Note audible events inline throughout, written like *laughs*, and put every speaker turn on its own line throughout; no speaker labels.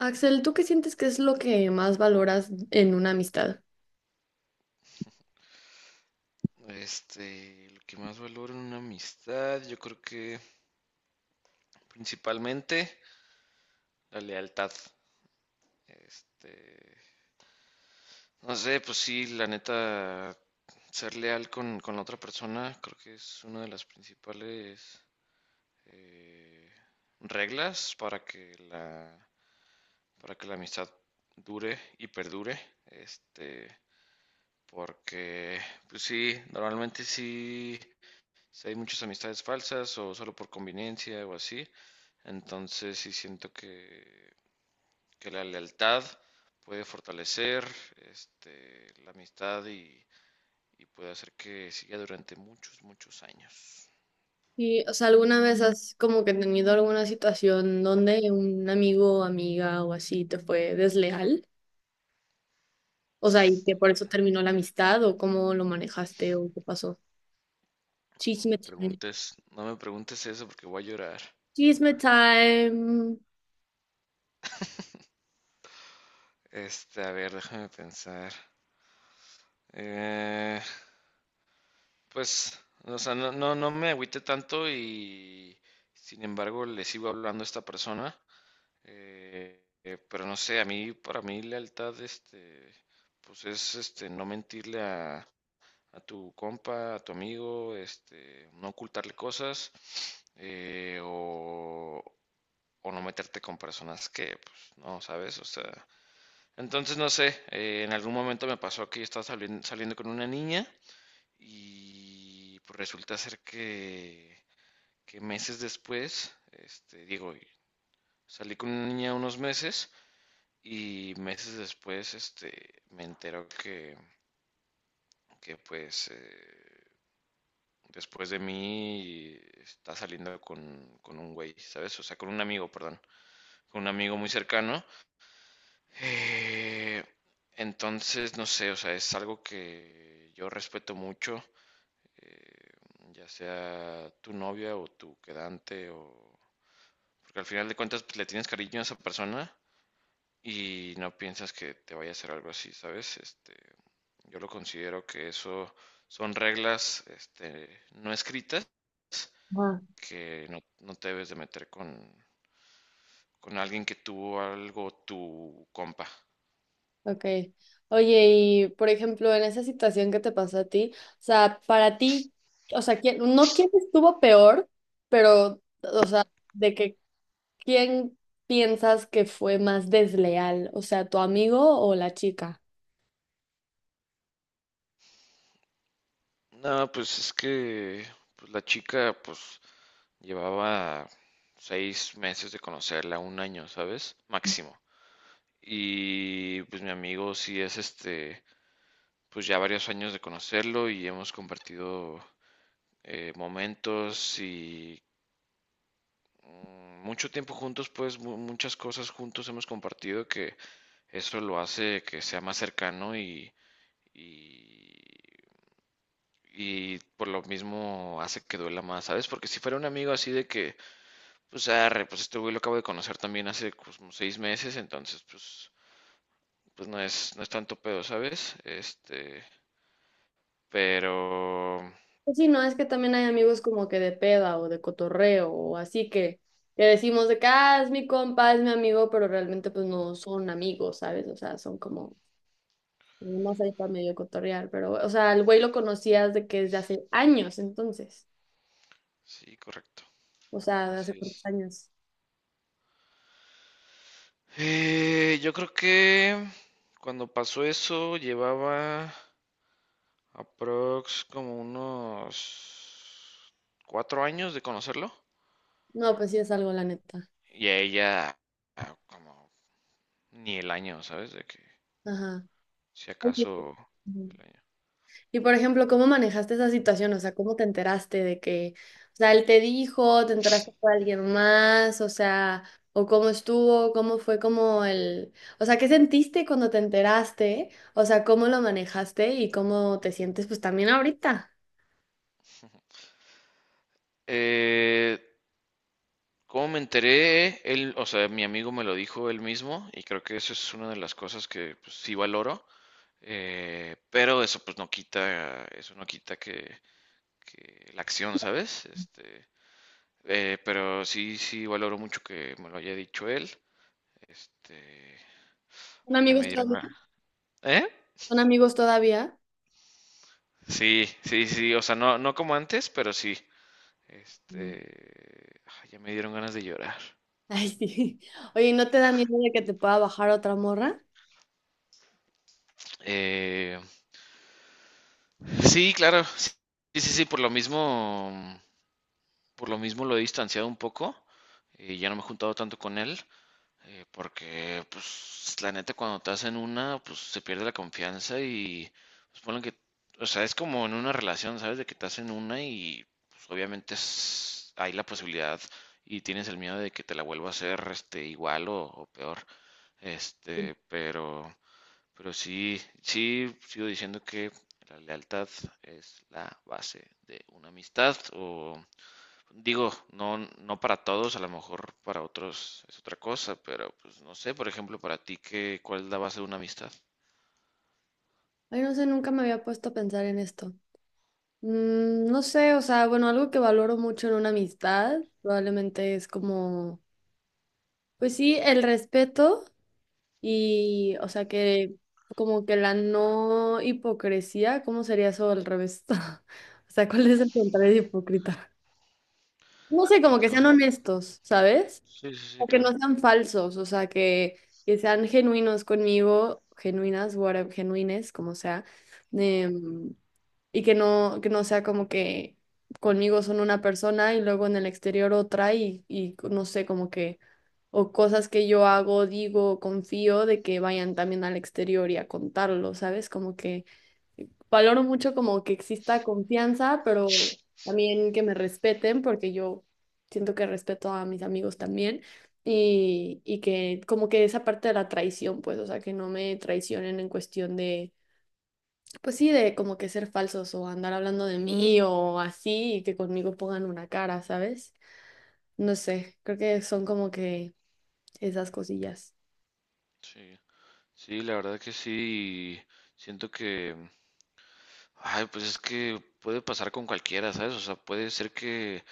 Axel, ¿tú qué sientes que es lo que más valoras en una amistad?
Lo que más valoro en una amistad, yo creo que principalmente la lealtad. Este, no sé, pues sí, la neta, ser leal con la otra persona, creo que es una de las principales eh, reglas para que la amistad dure y perdure. Este, Porque, pues sí, normalmente sí. Si hay muchas amistades falsas o solo por conveniencia o así, entonces sí siento que la lealtad puede fortalecer la amistad y puede hacer que siga durante muchos, muchos años.
Y, o sea, ¿alguna vez has como que tenido alguna situación donde un amigo, amiga o así te fue desleal? O sea, y que por eso terminó la amistad o cómo lo manejaste o qué pasó.
No
Chisme
me
time.
preguntes, no me preguntes eso porque voy a llorar.
Chisme time.
A ver, déjame pensar. Eh, pues, o sea, no, no, no me agüité tanto y sin embargo le sigo hablando a esta persona. Pero no sé, a mí, para mí lealtad, pues es, no mentirle a tu compa, a tu amigo, no ocultarle cosas, eh, o, o no meterte con personas que, pues, no, ¿sabes? O sea, entonces no sé, en algún momento me pasó que yo estaba saliendo con una niña y pues resulta ser que meses después, digo, salí con una niña unos meses y meses después, me entero que pues, después de mí está saliendo con un güey, ¿sabes? O sea, con un amigo, perdón, con un amigo muy cercano. Eh, entonces, no sé, o sea, es algo que yo respeto mucho, eh, ya sea tu novia o tu quedante, o porque al final de cuentas pues, le tienes cariño a esa persona y no piensas que te vaya a hacer algo así, ¿sabes? Yo lo considero que eso son reglas no escritas
Ah.
que no te debes de meter con alguien que tuvo algo tu compa.
Ok. Oye, y por ejemplo, en esa situación que te pasó a ti, o sea, para ti, o sea, ¿quién, no quién estuvo peor, pero, o sea, de que quién piensas que fue más desleal, o sea, tu amigo o la chica?
No, pues es que pues la chica pues llevaba 6 meses de conocerla, 1 año, ¿sabes? Máximo. Y pues mi amigo sí es pues ya varios años de conocerlo y hemos compartido momentos y mucho tiempo juntos, pues muchas cosas juntos hemos compartido que eso lo hace que sea más cercano y, y por lo mismo hace que duela más, ¿sabes? Porque si fuera un amigo así de que, pues arre, pues este güey lo acabo de conocer también hace pues, como 6 meses, entonces pues no es tanto pedo, ¿sabes? Pero
Pues sí, no, es que también hay amigos como que de peda o de cotorreo o así que decimos de que, ah, es mi compa, es mi amigo, pero realmente pues no son amigos, ¿sabes? O sea, son como más ahí para medio cotorrear, pero, o sea, el güey lo conocías de que desde hace años, entonces.
sí, correcto,
O sea, de hace
así
cuántos
es.
años.
Yo creo que cuando pasó eso llevaba aprox como unos 4 años de conocerlo.
No, pues sí es algo, la neta.
Y a ella como ni el año, ¿sabes? De que
Ajá.
si
Oye,
acaso
ujú.
el año.
Y por ejemplo, ¿cómo manejaste esa situación? O sea, ¿cómo te enteraste de que, o sea, él te dijo, te enteraste por alguien más, o sea, o cómo estuvo, cómo fue como el, o sea, ¿qué sentiste cuando te enteraste? O sea, ¿cómo lo manejaste y cómo te sientes pues también ahorita?
Eh, ¿Cómo me enteré? Él, o sea, mi amigo me lo dijo él mismo y creo que eso es una de las cosas que pues, sí valoro. Pero eso pues no quita, eso no quita que la acción, ¿sabes? Pero sí, sí valoro mucho que me lo haya dicho él. Este,
¿Son
Ay, ya
amigos
me dieron
todavía?
ganas. ¿Eh?
¿Son amigos todavía?
Sí, sí, sí, o sea, no, no como antes, pero sí. Ay, ya me dieron ganas de llorar.
*laughs* Ay, sí. Oye, ¿no te da miedo de que te pueda bajar otra morra?
Eh, sí, claro, sí, sí, sí, sí, por lo mismo lo he distanciado un poco, y ya no me he juntado tanto con él. Porque, pues, la neta, cuando te hacen una, pues se pierde la confianza y, pues, ponen que, o sea, es como en una relación, ¿sabes? De que te hacen una y, pues, obviamente hay la posibilidad y tienes el miedo de que te la vuelva a hacer, igual o peor. Este, pero, pero sí, sí, sigo diciendo que la lealtad es la base de una amistad o digo, no, no para todos, a lo mejor para otros es otra cosa, pero pues no sé, por ejemplo, para ti, ¿qué, cuál es la base de una amistad?
Ay, no sé, nunca me había puesto a pensar en esto. Mm, no sé, o sea, bueno, algo que valoro mucho en una amistad probablemente es como, pues sí, el respeto y, o sea, que como que la no hipocresía, ¿cómo sería eso al revés? *laughs* O sea, ¿cuál es el contrario de hipócrita? No sé,
Con
como
tu
que sean
banda.
honestos, ¿sabes?
Sí, sí, sí,
O que no
claro.
sean falsos, o sea, que sean genuinos conmigo, genuinas, whatever, genuines, como sea, em, y que no sea como que conmigo son una persona y luego en el exterior otra y no sé, como que, o cosas que yo hago, digo, confío de que vayan también al exterior y a contarlo, ¿sabes? Como que valoro mucho como que exista confianza, pero también que me respeten, porque yo siento que respeto a mis amigos también. Y que como que esa parte de la traición, pues, o sea, que no me traicionen en cuestión de, pues sí, de como que ser falsos o andar hablando de mí o así, y que conmigo pongan una cara, ¿sabes? No sé, creo que son como que esas cosillas.
Sí, sí, la verdad que sí, siento que, ay, pues es que puede pasar con cualquiera, ¿sabes? O sea, puede ser que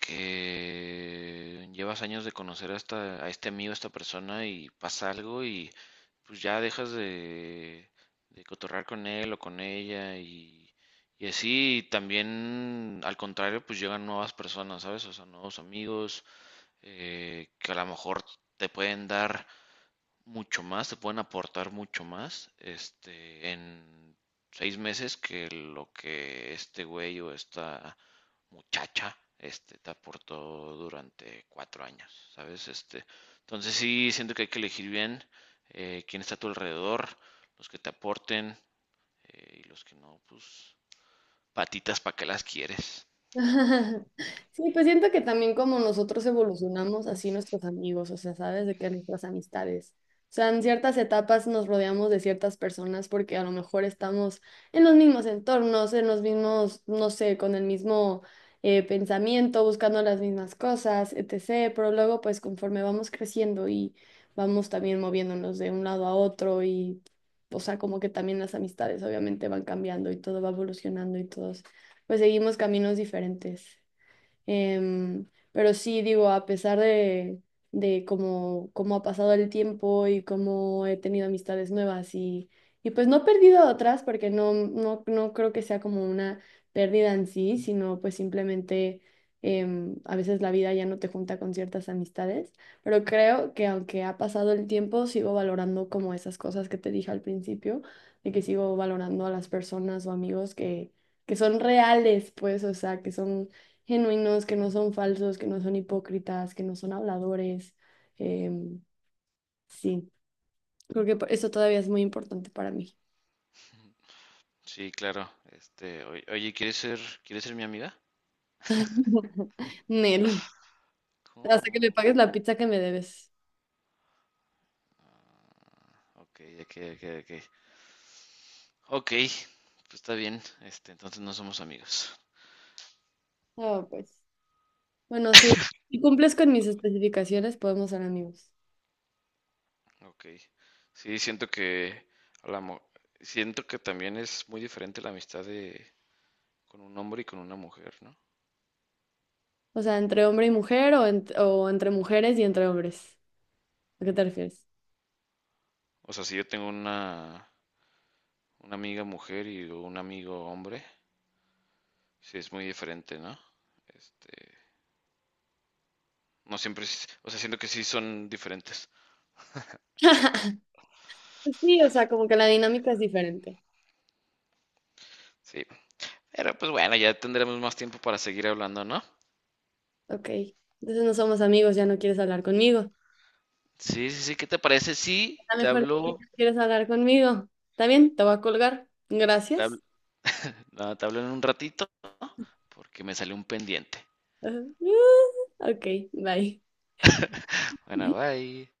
que llevas años de conocer a este amigo, a esta persona y pasa algo y pues ya dejas de cotorrar con él o con ella y así y también al contrario pues llegan nuevas personas, ¿sabes? O sea, nuevos amigos que a lo mejor te pueden dar mucho más, te pueden aportar mucho más en 6 meses que lo que este güey o esta muchacha te aportó durante 4 años, ¿sabes? Entonces sí, siento que hay que elegir bien quién está a tu alrededor, los que te aporten y los que no, pues patitas para que las quieres.
*laughs* Sí, pues siento que también como nosotros evolucionamos, así nuestros amigos, o sea, ¿sabes? De que nuestras amistades. O sea, en ciertas etapas nos rodeamos de ciertas personas porque a lo mejor estamos en los mismos entornos, en los mismos, no sé, con el mismo pensamiento, buscando las mismas cosas, etc. Pero luego, pues conforme vamos creciendo y vamos también moviéndonos de un lado a otro y, o sea, como que también las amistades obviamente van cambiando y todo va evolucionando y todo pues seguimos caminos diferentes. Em, pero sí, digo, a pesar de cómo, cómo ha pasado el tiempo y cómo he tenido amistades nuevas y pues no he perdido a otras porque no creo que sea como una pérdida en sí, sino pues simplemente a veces la vida ya no te junta con ciertas amistades, pero creo que aunque ha pasado el tiempo, sigo valorando como esas cosas que te dije al principio, de que sigo valorando a las personas o amigos que son reales, pues, o sea, que son genuinos, que no son falsos, que no son hipócritas, que no son habladores. Em, sí, creo que eso todavía es muy importante para mí.
Sí, claro. Oye, ¿quieres ser mi amiga?
*laughs* Nel, hasta que me
¿Cómo?
pagues la pizza que me debes.
Ok, ok, ok, ok. Ok, pues está bien. Entonces no somos amigos.
Ah, pues. Bueno, sí. Si cumples con mis especificaciones, podemos ser amigos.
Ok. Sí, siento que a la mo- siento que también es muy diferente la amistad de con un hombre y con una mujer, ¿no?
O sea, entre hombre y mujer o, o entre mujeres y entre hombres. ¿A qué te refieres?
O sea, si yo tengo una amiga mujer y un amigo hombre, sí es muy diferente, ¿no? Este, no siempre, o sea, siento que sí son diferentes.
*laughs* Pues sí, o sea, como que la dinámica es diferente.
Sí, pero pues bueno, ya tendremos más tiempo para seguir hablando, ¿no?
Ok, entonces no somos amigos, ya no quieres hablar conmigo.
Sí, sí, sí, ¿qué te parece? Sí,
A lo mejor quieres hablar conmigo. ¿Está bien? Te voy a colgar.
te hablo,
Gracias.
no, te hablo en un ratito porque me salió un pendiente.
*laughs* Ajá. Ah, ok, bye.
Bueno, bye.